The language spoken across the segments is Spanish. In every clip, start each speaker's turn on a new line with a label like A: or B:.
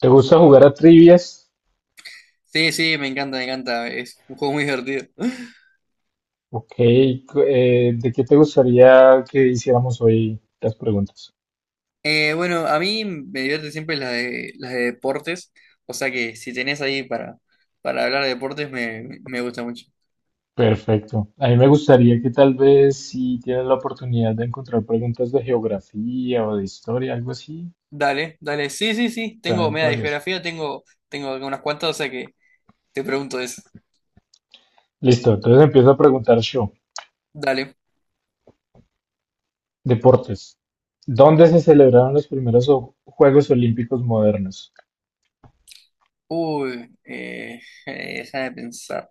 A: ¿Te gusta jugar a trivias?
B: Sí, sí, me encanta, me encanta. Es un juego muy divertido.
A: Ok, ¿de qué te gustaría que hiciéramos hoy las preguntas?
B: Bueno, a mí me divierte siempre las de deportes. O sea que si tenés ahí para hablar de deportes, me gusta mucho.
A: Perfecto. A mí me gustaría que tal vez, si tienes la oportunidad de encontrar preguntas de geografía o de historia, algo así,
B: Dale, dale. Sí, sí, sí. Tengo
A: también
B: media de
A: podrías.
B: geografía, tengo unas cuantas, o sea que te pregunto eso.
A: Listo, entonces empiezo a preguntar yo.
B: Dale.
A: Deportes. ¿Dónde se celebraron los primeros Juegos Olímpicos modernos?
B: Uy, deja de pensar.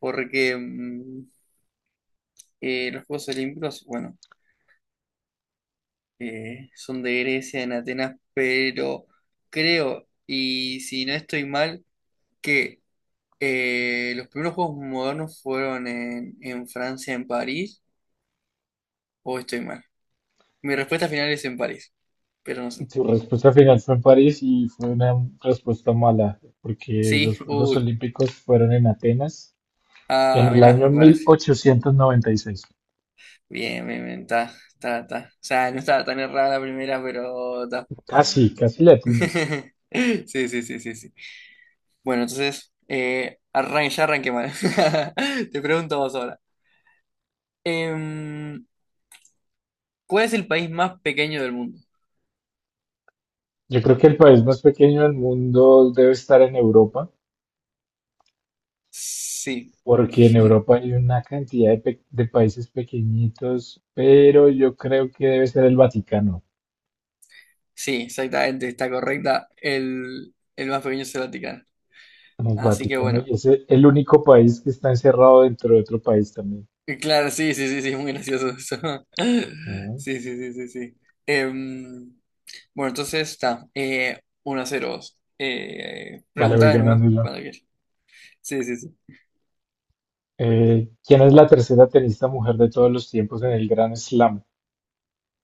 B: Porque los Juegos Olímpicos, bueno, son de Grecia, en Atenas, pero creo, y si no estoy mal. Que los primeros juegos modernos fueron en Francia, en París, o estoy mal. Mi respuesta final es en París, pero no sé.
A: Tu respuesta final fue en París y fue una respuesta mala, porque
B: Sí,
A: los Juegos
B: uy.
A: Olímpicos fueron en Atenas, en
B: Ah,
A: el
B: mirá,
A: año
B: me parece.
A: 1896.
B: Bien, bien, bien, está, está, está. O sea, no estaba tan errada la primera, pero está.
A: Casi, casi le atinas.
B: Sí, sí, sí, sí, sí. Bueno, entonces, ya arranqué mal. Te pregunto a vos ahora. Em, ¿Cuál es el país más pequeño del mundo?
A: Yo creo que el país más pequeño del mundo debe estar en Europa,
B: Sí.
A: porque en Europa hay una cantidad de, de países pequeñitos, pero yo creo que debe ser el Vaticano.
B: Sí, exactamente, está correcta. El más pequeño es el Vaticano.
A: El
B: Así que
A: Vaticano, y
B: bueno.
A: es el único país que está encerrado dentro de otro país también.
B: Y claro, sí, sí, sí, sí, es muy gracioso eso.
A: Ah.
B: Sí, sí, sí, sí, sí. Em, bueno, entonces está. 1 a cero, vos.
A: Vale, voy
B: Preguntame nomás
A: ganándolo.
B: cuando quieras. Sí, sí, sí.
A: ¿Quién es la tercera tenista mujer de todos los tiempos en el Grand Slam?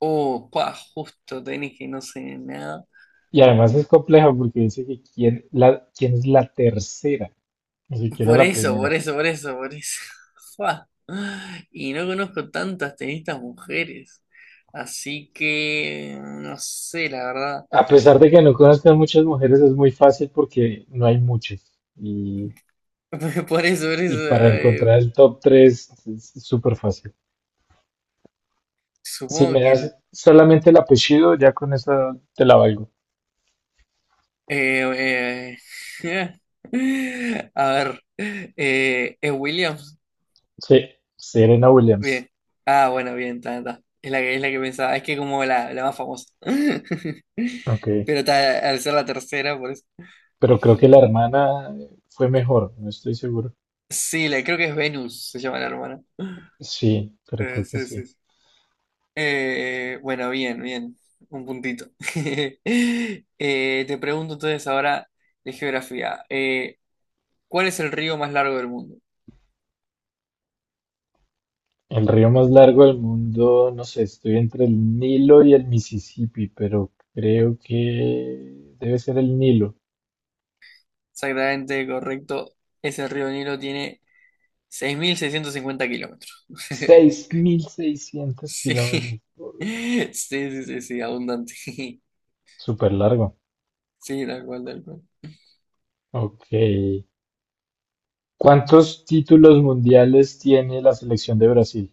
B: Oh, pa, justo tenés que no sé nada.
A: Y además es compleja porque dice que quién, la, quién es la tercera. Ni siquiera
B: Por
A: la
B: eso,
A: primera.
B: por eso, por eso, por eso. Fua. Y no conozco tantas tenistas mujeres. Así que no sé, la verdad.
A: A pesar de que no conozcan muchas mujeres, es muy fácil porque no hay muchas.
B: Por por eso,
A: Y para
B: eh,
A: encontrar el top 3 es súper fácil. Si me
B: supongo que
A: das solamente el apellido, ya con eso te la valgo.
B: eh, a ver, ¿es Williams?
A: Sí, Serena Williams.
B: Bien. Ah, bueno, bien, está, está. Es la que pensaba, es que como la más famosa.
A: Ok.
B: Pero está, al ser la tercera, por eso.
A: Pero creo que la hermana fue mejor, no estoy seguro.
B: Sí, creo que es Venus, se llama la hermana.
A: Sí, pero creo que
B: Sí,
A: sí.
B: sí. Sí. Bueno, bien, bien. Un puntito. Te pregunto entonces ahora de geografía. ¿Cuál es el río más largo del mundo?
A: El río más largo del mundo, no sé, estoy entre el Nilo y el Mississippi, pero creo que debe ser el Nilo.
B: Exactamente correcto. Ese río Nilo tiene 6.650 kilómetros.
A: Seis mil seiscientos
B: Sí.
A: kilómetros.
B: Sí, sí, sí, sí, abundante.
A: Súper largo.
B: Sí, tal cual, tal cual.
A: Ok. ¿Cuántos títulos mundiales tiene la selección de Brasil?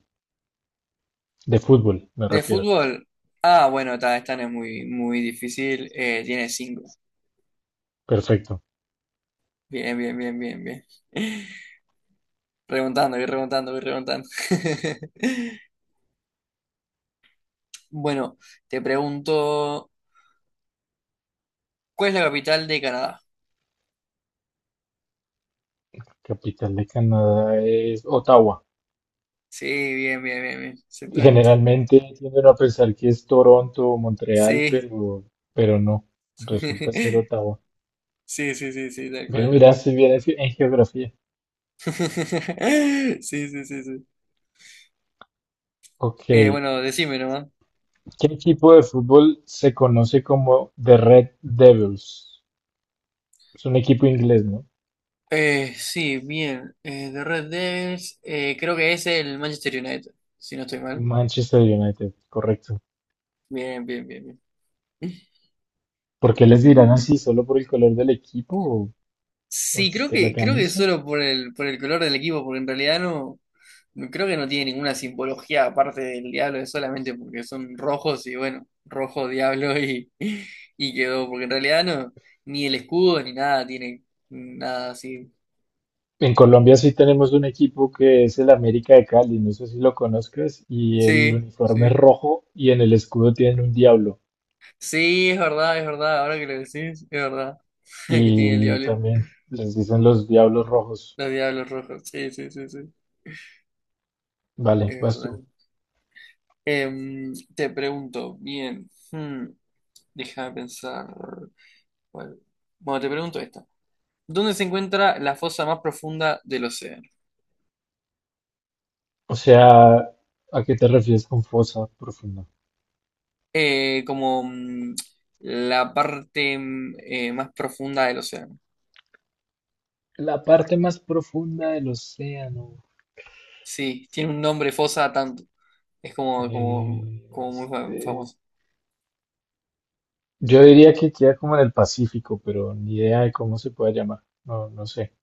A: De fútbol, me
B: De
A: refiero.
B: fútbol. Ah, bueno, está, esta no es muy, muy difícil. Tiene 5.
A: Perfecto.
B: Bien, bien, bien, bien, bien. Remontando, voy remontando, voy remontando. Bueno, te pregunto, ¿cuál es la capital de Canadá?
A: Capital de Canadá es Ottawa.
B: Sí, bien, bien, bien, bien. Exactamente.
A: Generalmente tienden a pensar que es Toronto o Montreal,
B: Sí.
A: pero no. Resulta ser Ottawa.
B: Sí, sí, sí, sí, tal
A: Bien,
B: cual, tal
A: mira,
B: cual.
A: si bien en en geografía.
B: Sí, sí, sí, sí.
A: Ok. ¿Qué
B: Bueno, decime nomás.
A: equipo de fútbol se conoce como The Red Devils? Es un equipo inglés, ¿no?
B: Sí, bien. De Red Devils, creo que es el Manchester United, si no estoy mal.
A: Manchester United, correcto.
B: Bien, bien, bien, bien.
A: ¿Por qué les dirán así? ¿Solo por el color del equipo o
B: Sí,
A: de la
B: creo que
A: camisa?
B: solo por por el color del equipo, porque en realidad creo que no tiene ninguna simbología aparte del diablo, es solamente porque son rojos y bueno, rojo, diablo y, y quedó, porque en realidad no, ni el escudo ni nada tiene nada así.
A: En Colombia sí tenemos un equipo que es el América de Cali, no sé si lo conozcas, y el
B: Sí,
A: uniforme es
B: sí.
A: rojo y en el escudo tienen un diablo.
B: Sí, es verdad, es verdad. Ahora que lo decís, es verdad. Que tiene el
A: Y
B: diablo,
A: también les dicen los diablos rojos.
B: los diablos rojos. Sí, sí, sí, sí.
A: Vale,
B: Es
A: vas
B: verdad.
A: tú.
B: Te pregunto, bien. Déjame pensar. ¿Cuál? Bueno, te pregunto esta. ¿Dónde se encuentra la fosa más profunda del océano?
A: O sea, ¿a qué te refieres con fosa profunda?
B: Como la parte más profunda del océano.
A: La parte más profunda del océano.
B: Sí, tiene un nombre fosa tanto. Es
A: Eh,
B: como muy
A: este,
B: famoso.
A: Yo diría que queda como en el Pacífico, pero ni idea de cómo se puede llamar. No, no sé.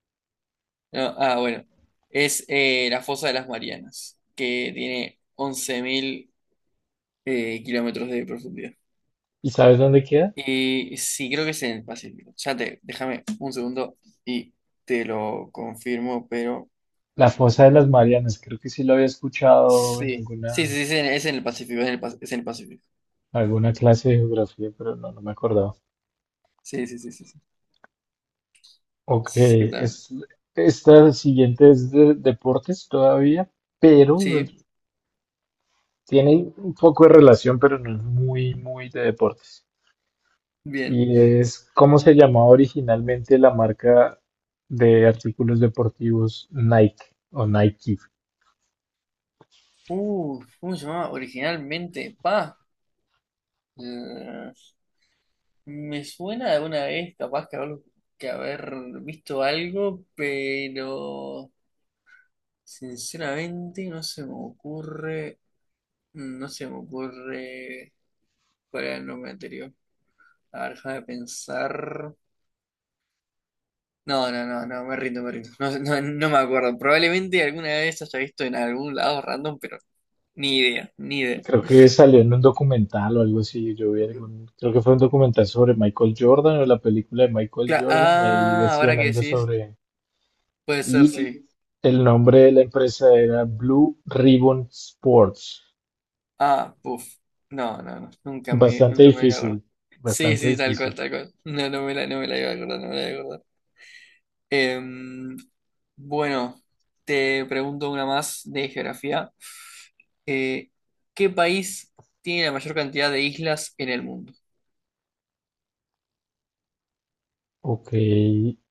B: No, ah, bueno. Es la fosa de las Marianas, que tiene 11.000 kilómetros de profundidad.
A: ¿Y sabes dónde queda?
B: Y sí, creo que es en el Pacífico. Déjame un segundo y te lo confirmo, pero
A: La Fosa de las Marianas. Creo que sí lo había escuchado en
B: sí. Sí,
A: alguna,
B: sí, sí, es en el Pacífico, es en el Pacífico.
A: alguna clase de geografía, pero no, no me acordaba.
B: Sí, sí, sí, sí, sí.
A: Ok,
B: Exactamente.
A: es, esta siguiente es de deportes todavía, pero
B: Sí,
A: tiene un poco de relación, pero no es muy, muy de deportes.
B: bien.
A: Y es cómo se llamaba originalmente la marca de artículos deportivos Nike o Nike.
B: ¿Cómo se llamaba originalmente? Pa. eh, Me suena de alguna vez, capaz que que haber visto algo, pero sinceramente no se me ocurre cuál era el nombre anterior. A ver, déjame pensar. No, no, no, no, me rindo, me rindo. No, no, no me acuerdo. Probablemente alguna vez haya visto en algún lado random, pero ni idea, ni idea.
A: Creo que salió en un documental o algo así. Yo vi algún, creo que fue un documental sobre Michael Jordan o la película de Michael Jordan y ahí
B: Ah, ahora
A: decían
B: que
A: algo
B: decís,
A: sobre...
B: puede ser, sí.
A: Y el nombre de la empresa era Blue Ribbon Sports.
B: Ah, puf. No, no, no.
A: Bastante
B: Nunca me la acordé.
A: difícil,
B: Sí,
A: bastante
B: sí, tal
A: difícil.
B: cual, tal cual. No, no me la iba a acordar, no me la iba a acordar. Em, bueno, te pregunto una más de geografía. Eh, ¿Qué país tiene la mayor cantidad de islas en el mundo?
A: Ok,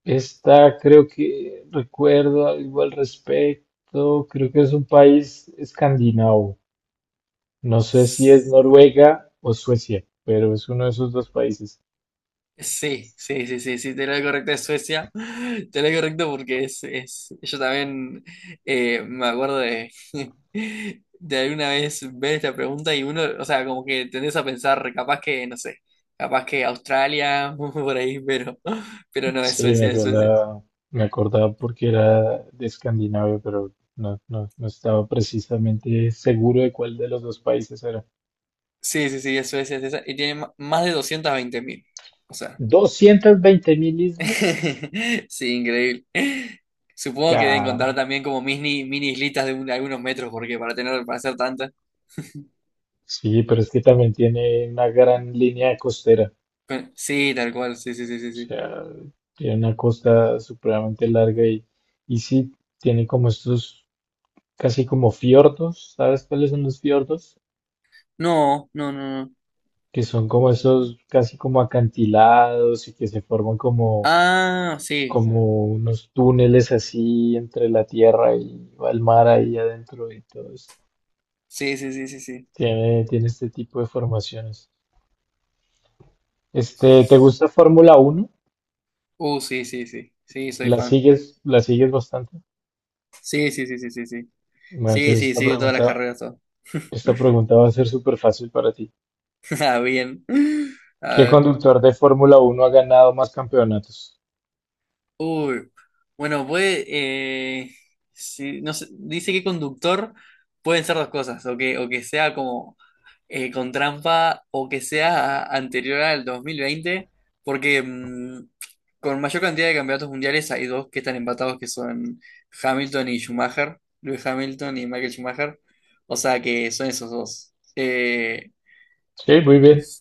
A: esta creo que recuerdo algo al respecto. Creo que es un país escandinavo. No sé si es Noruega o Suecia, pero es uno de esos dos países.
B: Sí, sí, sí, sí, sí, tenés lo correcto de Suecia, tenés lo correcto porque es, yo también me acuerdo de alguna vez ver esta pregunta y uno, o sea, como que tendés a pensar, capaz que, no sé, capaz que Australia, por ahí, pero no, es
A: Sí,
B: Suecia, es Suecia.
A: me acordaba porque era de Escandinavia, pero no, no, no estaba precisamente seguro de cuál de los dos países era.
B: Sí, sí, sí, es Suecia, es esa, y tiene más de 220.000, o sea,
A: 220.000 islas,
B: sí, increíble. Supongo que deben
A: caramba.
B: contar también como mini, mini islitas algunos metros, porque para hacer tantas.
A: Sí, pero es que también tiene una gran línea costera,
B: Sí, tal cual, sí, sí, sí, sí,
A: o
B: sí.
A: sea, tiene una costa supremamente larga y sí, tiene como estos casi como fiordos, ¿sabes cuáles son los fiordos?
B: No, no, no, no.
A: Que son como esos casi como acantilados y que se forman como
B: Ah, sí,
A: como unos túneles así entre la tierra y el mar ahí adentro y todo esto.
B: sí, sí, sí, sí, sí.
A: Tiene, tiene este tipo de formaciones. Este,
B: Sí,
A: ¿te
B: sí. Sí.
A: gusta Fórmula Uno?
B: Sí, sí, sí, sí, soy fan.
A: La sigues bastante?
B: Sí, sí, sí, sí, sí, sí.
A: Bueno,
B: Sí,
A: entonces
B: sí, sí, de todas las carreras, todo.
A: esta pregunta va a ser súper fácil para ti.
B: Ah, bien. A
A: ¿Qué
B: ver.
A: conductor de Fórmula Uno ha ganado más campeonatos?
B: Uy, bueno, puede, sí, no sé, dice que conductor pueden ser dos cosas, o que sea como con trampa, o que sea anterior al 2020 porque con mayor cantidad de campeonatos mundiales hay dos que están empatados, que son Hamilton y Schumacher, Lewis Hamilton y Michael Schumacher, o sea que son esos dos.
A: Sí, muy bien.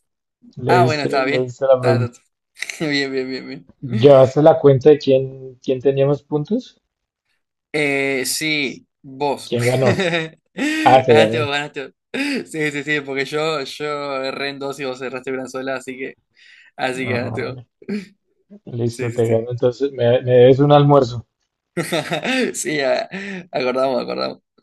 B: Ah, bueno, estaba
A: Le
B: bien,
A: diste la
B: está ta,
A: pregunta.
B: ta. Bien, bien, bien, bien.
A: ¿Llevaste la cuenta de quién, quién tenía más puntos?
B: Sí, vos.
A: ¿Quién ganó? Ah, te
B: Ganaste vos,
A: gané.
B: ganaste vos. Sí, sí, sí, porque yo erré en dos y vos erraste una sola, así que
A: Ah,
B: ganaste vos.
A: bueno. Listo,
B: Sí, sí,
A: te
B: sí.
A: gano. Entonces, me debes un almuerzo.
B: Sí, acordamos, acordamos.